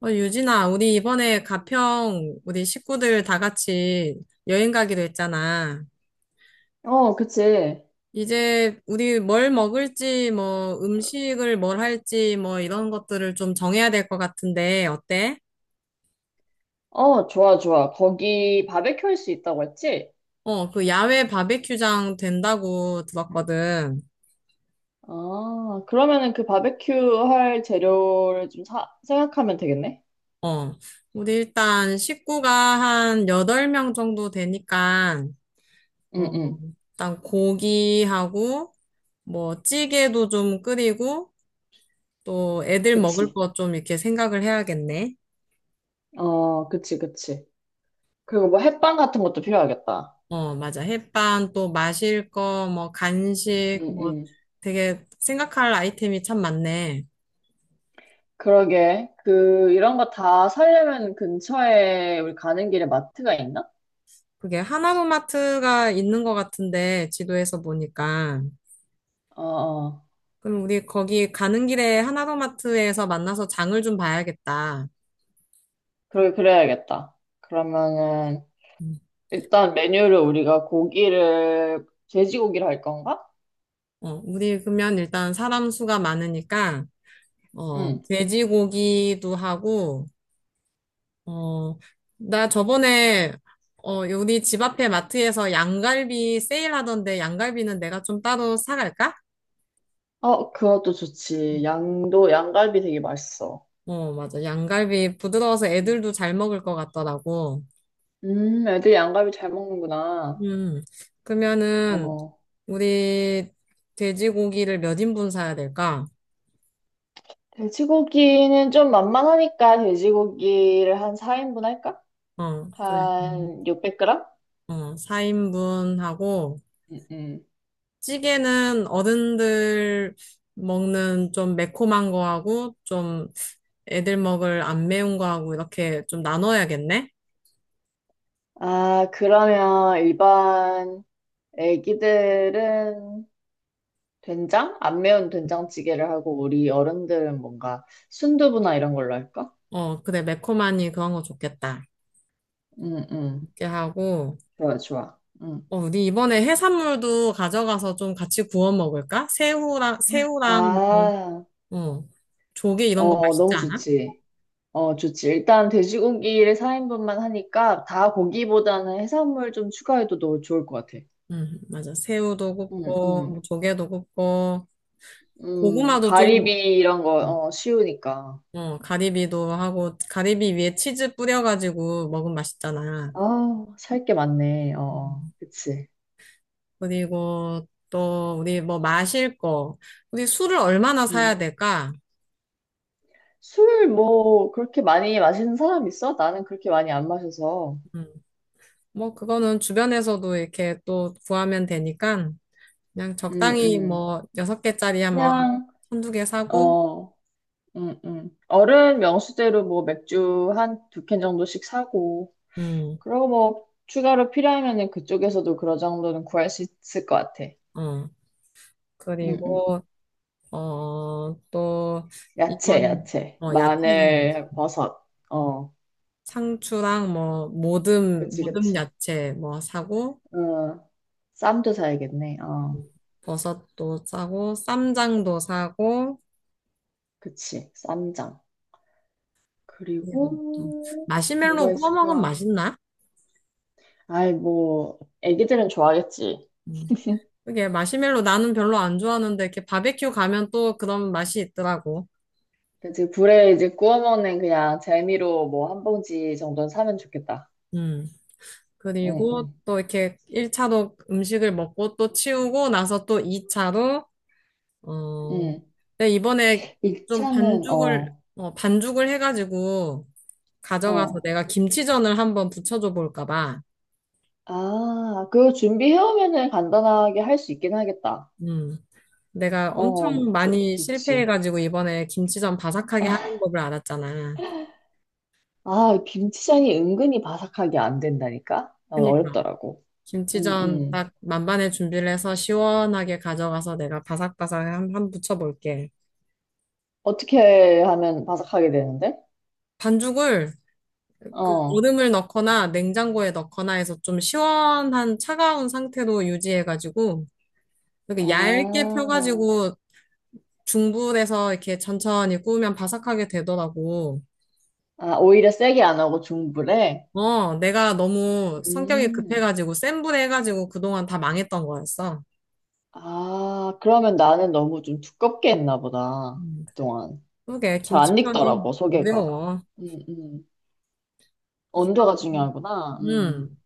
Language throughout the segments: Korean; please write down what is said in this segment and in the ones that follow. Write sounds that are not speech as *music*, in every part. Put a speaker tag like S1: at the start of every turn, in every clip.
S1: 어, 유진아, 우리 이번에 가평 우리 식구들 다 같이 여행 가기로 했잖아.
S2: 어, 그치.
S1: 이제 우리 뭘 먹을지, 뭐 음식을 뭘 할지, 뭐 이런 것들을 좀 정해야 될 것 같은데, 어때?
S2: 어, 좋아, 좋아. 거기 바베큐 할 수 있다고 했지?
S1: 어, 그 야외 바베큐장 된다고 들었거든.
S2: 아, 그러면은 그 바베큐 할 재료를 좀 사, 생각하면 되겠네?
S1: 어, 우리 일단 식구가 한 8명 정도 되니까,
S2: 응,
S1: 어,
S2: 응.
S1: 일단 고기하고, 뭐 찌개도 좀 끓이고, 또 애들 먹을
S2: 그치.
S1: 거 좀 이렇게 생각을 해야겠네.
S2: 어, 그치, 그치. 그리고 뭐 햇반 같은 것도 필요하겠다.
S1: 어, 맞아. 햇반, 또 마실 거, 뭐
S2: 응,
S1: 간식, 뭐
S2: 응.
S1: 되게 생각할 아이템이 참 많네.
S2: 그러게. 그, 이런 거 다 사려면 근처에 우리 가는 길에 마트가 있나?
S1: 그게 하나로마트가 있는 것 같은데, 지도에서 보니까.
S2: 어, 어.
S1: 그럼 우리 거기 가는 길에 하나로마트에서 만나서 장을 좀 봐야겠다.
S2: 그러게, 그래야겠다. 그러면은,
S1: 음.
S2: 일단 메뉴를 우리가 고기를, 돼지고기를 할 건가?
S1: 어, 우리 그러면 일단 사람 수가 많으니까, 어,
S2: 응.
S1: 돼지고기도 하고, 어, 나 저번에, 우리 집 앞에 마트에서 양갈비 세일하던데 양갈비는 내가 좀 따로 사갈까?
S2: 어, 그것도 좋지. 양도, 양갈비 되게 맛있어.
S1: 어, 맞아. 양갈비 부드러워서
S2: 음.
S1: 애들도 잘 먹을 것 같더라고.
S2: 애들 양갈비 잘 먹는구나.
S1: 음, 그러면은,
S2: 어.
S1: 우리 돼지고기를 몇 인분 사야 될까?
S2: 돼지고기는 좀 만만하니까 돼지고기를 한 4인분 할까?
S1: 어, 그래.
S2: 한 600 g?
S1: 어, 4인분 하고,
S2: 음, 음.
S1: 찌개는 어른들 먹는 좀 매콤한 거 하고, 좀 애들 먹을 안 매운 거하고 이렇게 좀 나눠야겠네?
S2: 아, 그러면 일반 애기들은 된장? 안 매운 된장찌개를 하고 우리 어른들은 뭔가 순두부나 이런 걸로 할까?
S1: 어, 그래, 매콤하니 그런 거 좋겠다.
S2: 응응
S1: 이렇게 하고,
S2: 좋아, 좋아. 응.
S1: 어, 우리 이번에 해산물도 가져가서 좀 같이 구워 먹을까? 새우랑, 뭐,
S2: 아,
S1: 어, 조개 이런 거
S2: 어,
S1: 맛있지
S2: 너무
S1: 않아?
S2: 좋지. 어, 좋지. 일단 돼지고기를 4인분만 하니까 다 고기보다는 해산물 좀 추가해도 너 좋을 것 같아.
S1: 응, 맞아. 새우도 굽고,
S2: 응,
S1: 뭐
S2: 응,
S1: 조개도 굽고,
S2: 응.
S1: 고구마도 좀,
S2: 가리비 이런 거, 어, 쉬우니까.
S1: 어, 가리비도 하고, 가리비 위에 치즈 뿌려가지고 먹으면 맛있잖아.
S2: 아, 살 게 많네. 어, 어,
S1: 음.
S2: 그치.
S1: 그리고 또 우리 뭐 마실 거, 우리 술을 얼마나 사야
S2: 음.
S1: 될까?
S2: 술 뭐, 그렇게 많이 마시는 사람 있어? 나는 그렇게 많이 안 마셔서.
S1: 음, 뭐 그거는 주변에서도 이렇게 또 구하면 되니까 그냥
S2: 음,
S1: 적당히
S2: 음.
S1: 뭐 6개짜리 한뭐
S2: 그냥,
S1: 한두 개 사고,
S2: 어, 어른 명수대로 뭐 맥주 한 두 캔 정도씩 사고.
S1: 음,
S2: 그리고 뭐 추가로 필요하면은 그쪽에서도 그런 정도는 구할 수 있을 것 같아.
S1: 어
S2: 응, 응.
S1: 그리고 어 또
S2: 야채,
S1: 이번
S2: 야채.
S1: 어 야채 사야지.
S2: 마늘, 버섯. 어,
S1: 상추랑 뭐 모듬
S2: 그치,
S1: 모듬
S2: 그치.
S1: 야채 뭐 사고
S2: 어, 쌈도 사야겠네. 어,
S1: 음, 버섯도 사고 쌈장도 사고
S2: 그치. 쌈장.
S1: 이거부터.
S2: 그리고
S1: 마시멜로
S2: 뭐가
S1: 구워 먹으면
S2: 있을까?
S1: 맛있나?
S2: 아이, 뭐, 애기들은 좋아하겠지.
S1: 음. 그게 마시멜로 나는 별로 안 좋아하는데 이렇게 바베큐 가면 또 그런 맛이 있더라고.
S2: 그치, 불에 이제 구워 먹는 그냥 재미로 뭐 한 봉지 정도는 사면 좋겠다.
S1: 음.
S2: 응,
S1: 그리고
S2: 응,
S1: 또 이렇게 1차로 음식을 먹고 또 치우고 나서 또 2차로 어
S2: 응.
S1: 근데 이번에 좀
S2: 1차는,
S1: 반죽을
S2: 어,
S1: 어 반죽을 해가지고 가져가서
S2: 어.
S1: 내가 김치전을 한번 부쳐줘 볼까 봐.
S2: 아, 그거 준비해오면은 간단하게 할 수 있긴 하겠다.
S1: 음. 내가
S2: 어,
S1: 엄청
S2: 좋,
S1: 많이
S2: 좋지.
S1: 실패해가지고 이번에 김치전 바삭하게 하는 법을 알았잖아.
S2: 아, 김치전이 은근히 바삭하게 안 된다니까? 난
S1: 그니까.
S2: 어렵더라고. 음,
S1: 김치전
S2: 음.
S1: 딱 만반의 준비를 해서 시원하게 가져가서 내가 바삭바삭 한 붙여볼게.
S2: 어떻게 하면 바삭하게 되는데?
S1: 반죽을 그
S2: 어.
S1: 얼음을 넣거나 냉장고에 넣거나 해서 좀 시원한 차가운 상태로 유지해가지고 이렇게 얇게
S2: 아,
S1: 펴가지고 중불에서 이렇게 천천히 구우면 바삭하게 되더라고.
S2: 아, 오히려 세게 안 하고 중불에?
S1: 어, 내가 너무 성격이
S2: 음.
S1: 급해가지고 센 불에 해가지고 그동안 다 망했던 거였어.
S2: 아, 그러면 나는 너무 좀 두껍게 했나 보다.
S1: 음.
S2: 그동안.
S1: 그게
S2: 잘 안
S1: 김치전이
S2: 익더라고, 소개가.
S1: 어려워.
S2: 음, 음. 온도가
S1: *laughs*
S2: 중요하구나. 음.
S1: 음.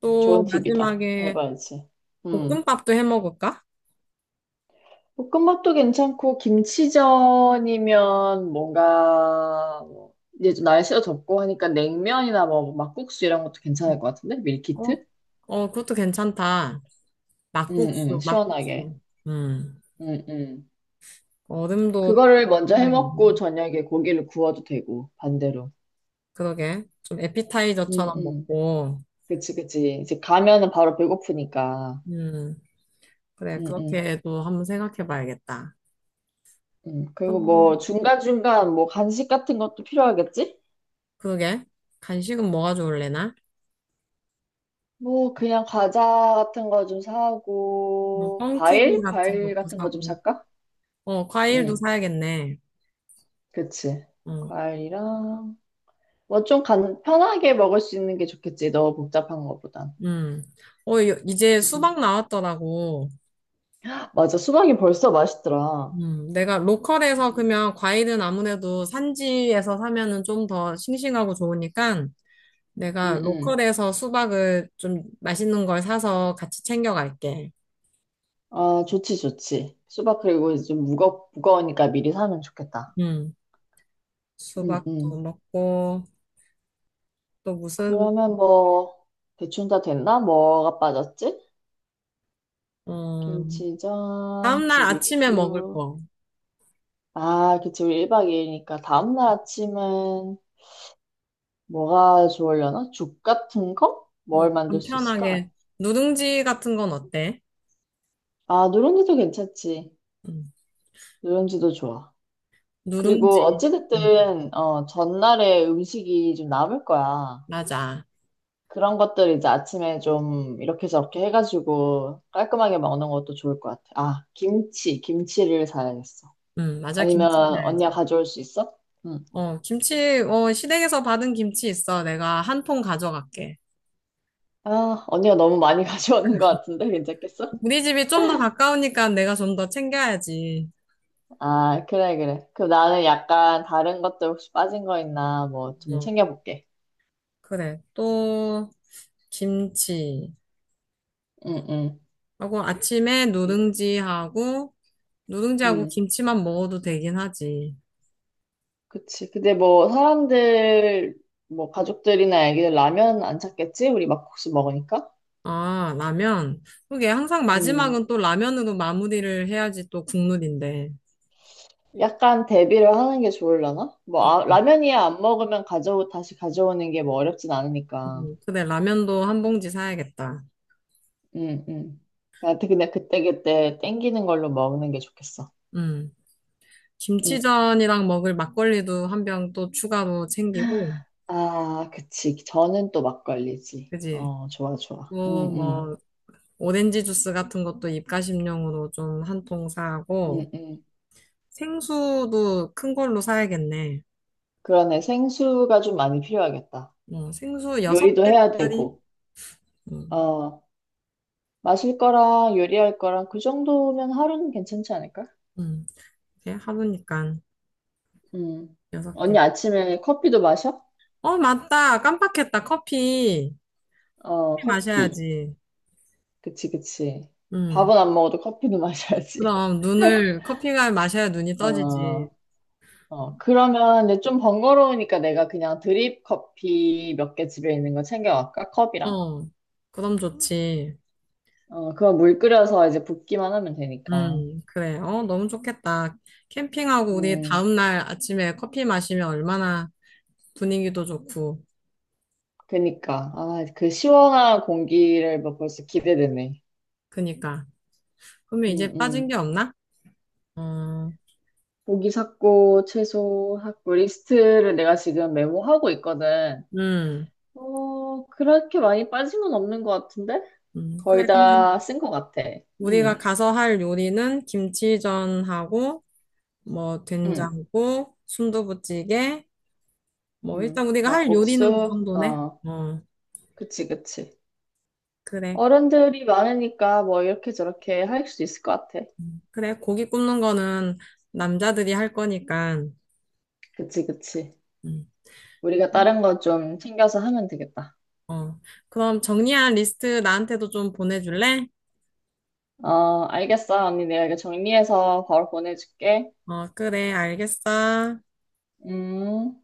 S1: 또
S2: 좋은 팁이다.
S1: 마지막에
S2: 해봐야지. 음.
S1: 볶음밥도 해 먹을까?
S2: 볶음밥도 괜찮고, 김치전이면 뭔가, 뭐 이제 좀 날씨가 덥고 하니까 냉면이나 뭐 막국수 이런 것도
S1: 음.
S2: 괜찮을 것 같은데?
S1: 어,
S2: 밀키트?
S1: 어, 그것도 괜찮다.
S2: 응,
S1: 막국수,
S2: 응, 시원하게.
S1: 막국수. 음,
S2: 응, 응.
S1: 얼음도
S2: 그거를 먼저 해먹고
S1: 생각해야겠네.
S2: 저녁에 고기를 구워도 되고, 반대로.
S1: 그러게. 좀
S2: 응,
S1: 에피타이저처럼
S2: 응.
S1: 먹고,
S2: 그치, 그치. 이제 가면은 바로 배고프니까.
S1: 음, 그래.
S2: 응, 응.
S1: 그렇게도 한번 생각해 봐야겠다.
S2: 응.
S1: 또,
S2: 그리고 뭐 중간중간 뭐 간식 같은 것도 필요하겠지?
S1: 그러게. 간식은 뭐가 좋을래나?
S2: 뭐, 그냥 과자 같은 거 좀 사고,
S1: 뻥튀기
S2: 과일?
S1: 같은
S2: 과일
S1: 것도
S2: 같은 거 좀
S1: 사고,
S2: 살까?
S1: 어, 과일도
S2: 응,
S1: 사야겠네.
S2: 그치.
S1: 어,
S2: 과일이랑, 뭐 좀 간, 편하게 먹을 수 있는 게 좋겠지. 너무 복잡한 거보단.
S1: 음. 어, 요- 이제
S2: 응, 응.
S1: 수박 나왔더라고.
S2: 맞아. 수박이 벌써 맛있더라.
S1: 내가 로컬에서
S2: 응,
S1: 그러면 과일은 아무래도 산지에서 사면은 좀 더 싱싱하고 좋으니까 내가
S2: 응. 응.
S1: 로컬에서 수박을 좀 맛있는 걸 사서 같이 챙겨갈게.
S2: 아, 좋지, 좋지. 수박 그리고 이제 좀 무거, 무거우니까 미리 사면 좋겠다.
S1: 음,
S2: 응,
S1: 수박도
S2: 응.
S1: 먹고 또 무슨
S2: 그러면 뭐, 대충 다 됐나? 뭐가 빠졌지?
S1: 음,
S2: 김치전,
S1: 다음날 아침에 먹을
S2: 비비큐.
S1: 거.
S2: 아, 그치. 우리 1박 2일이니까 다음날 아침은 뭐가 좋으려나? 죽 같은 거? 뭘 만들 수 있을까?
S1: 간편하게 누룽지 같은 건 어때?
S2: 아, 누룽지도 괜찮지.
S1: 음,
S2: 누룽지도 좋아. 그리고
S1: 누룽지. 음,
S2: 어찌됐든, 어, 전날에 음식이 좀 남을 거야.
S1: 맞아.
S2: 그런 것들 이제 아침에 좀 이렇게 저렇게 해가지고 깔끔하게 먹는 것도 좋을 것 같아. 아, 김치. 김치를 사야겠어.
S1: 맞아.
S2: 아니면
S1: 김치 사야지
S2: 언니가 가져올 수 있어? 응.
S1: 어, 김치, 어, 시댁에서 받은 김치 있어. 내가 한 통 가져갈게.
S2: 아, 언니가 너무 많이 *laughs* 가져오는 것 같은데 괜찮겠어?
S1: 우리 집이 좀 더 가까우니까 내가 좀 더 챙겨야지.
S2: 아, 그래, 그래. 그럼 나는 약간 다른 것들 혹시 빠진 거 있나, 뭐, 좀
S1: 어,
S2: 챙겨볼게.
S1: 그래. 또, 김치.
S2: 응, 응.
S1: 하고 아침에
S2: 그치?
S1: 누룽지하고, 누룽지하고
S2: 응.
S1: 김치만 먹어도 되긴 하지.
S2: 그치. 근데 뭐, 사람들, 뭐, 가족들이나 애기들 라면 안 찾겠지? 우리 막국수 먹으니까?
S1: 아, 라면. 그게 항상
S2: 음.
S1: 마지막은 또 라면으로 마무리를 해야지 또 국룰인데.
S2: 약간 대비를 하는 게 좋을라나? 뭐, 아,
S1: 음.
S2: 라면이야 안 먹으면 가져, 다시 가져오는 게 뭐 어렵진 않으니까.
S1: 그래, 라면도 한 봉지 사야겠다.
S2: 응, 응. 나한테 그냥 그때그때 땡기는 걸로 먹는 게 좋겠어.
S1: 음.
S2: 응.
S1: 김치전이랑 먹을 막걸리도 한 병 또 추가로 챙기고,
S2: 아, 그치. 저는 또 막걸리지.
S1: 그지?
S2: 어, 좋아, 좋아.
S1: 또
S2: 응, 응,
S1: 뭐 오렌지 주스 같은 것도 입가심용으로 좀 한 통 사고,
S2: 응, 응.
S1: 생수도 큰 걸로 사야겠네.
S2: 그러네. 생수가 좀 많이 필요하겠다.
S1: 어, 생수 여섯
S2: 요리도 해야
S1: 개짜리?
S2: 되고.
S1: 음,
S2: 어, 마실 거랑 요리할 거랑 그 정도면 하루는 괜찮지 않을까?
S1: 음, 이게 하루니까
S2: 응.
S1: 여섯
S2: 언니
S1: 개.
S2: 아침에 커피도 마셔?
S1: 어, 맞다. 깜빡했다. 커피.
S2: 어,
S1: 커피
S2: 커피.
S1: 마셔야지.
S2: 그치, 그치.
S1: 음.
S2: 밥은 안 먹어도 커피는 *laughs* 마셔야지.
S1: 그럼 눈을, 커피가 마셔야 눈이 떠지지.
S2: 어, 어. 그러면 이제 좀 번거로우니까 내가 그냥 드립 커피 몇 개 집에 있는 거 챙겨갈까? 컵이랑?
S1: 어, 그럼 좋지.
S2: 어, 그거 물 끓여서 이제 붓기만 하면 되니까.
S1: 그래. 어, 너무 좋겠다. 캠핑하고 우리
S2: 음,
S1: 다음날 아침에 커피 마시면 얼마나 분위기도 좋고.
S2: 그니까. 아, 그 시원한 공기를 뭐 벌써 기대되네.
S1: 그니까. 그러면
S2: 음,
S1: 이제 빠진
S2: 음.
S1: 게 없나? 어,
S2: 고기 샀고, 채소 샀고, 리스트를 내가 지금 메모하고 있거든.
S1: 음,
S2: 어, 그렇게 많이 빠진 건 없는 것 같은데? 거의
S1: 그래, 그러면
S2: 다 쓴 것 같아.
S1: 우리가
S2: 응,
S1: 가서 할 요리는 김치전하고, 뭐,
S2: 응,
S1: 된장국, 순두부찌개, 뭐,
S2: 응.
S1: 일단 우리가 할 요리는 그
S2: 막국수,
S1: 정도네?
S2: 어,
S1: 어,
S2: 그치, 그치.
S1: 그래.
S2: 어른들이 많으니까 뭐 이렇게 저렇게 할 수 있을 것 같아.
S1: 그래, 고기 굽는 거는 남자들이 할 거니까,
S2: 그치, 그치.
S1: 음,
S2: 우리가 다른 거 좀 챙겨서 하면 되겠다.
S1: 어. 그럼 정리한 리스트 나한테도 좀 보내줄래?
S2: 어, 알겠어. 언니 내가 이거 정리해서 바로 보내줄게.
S1: 어, 그래, 알겠어.
S2: 음.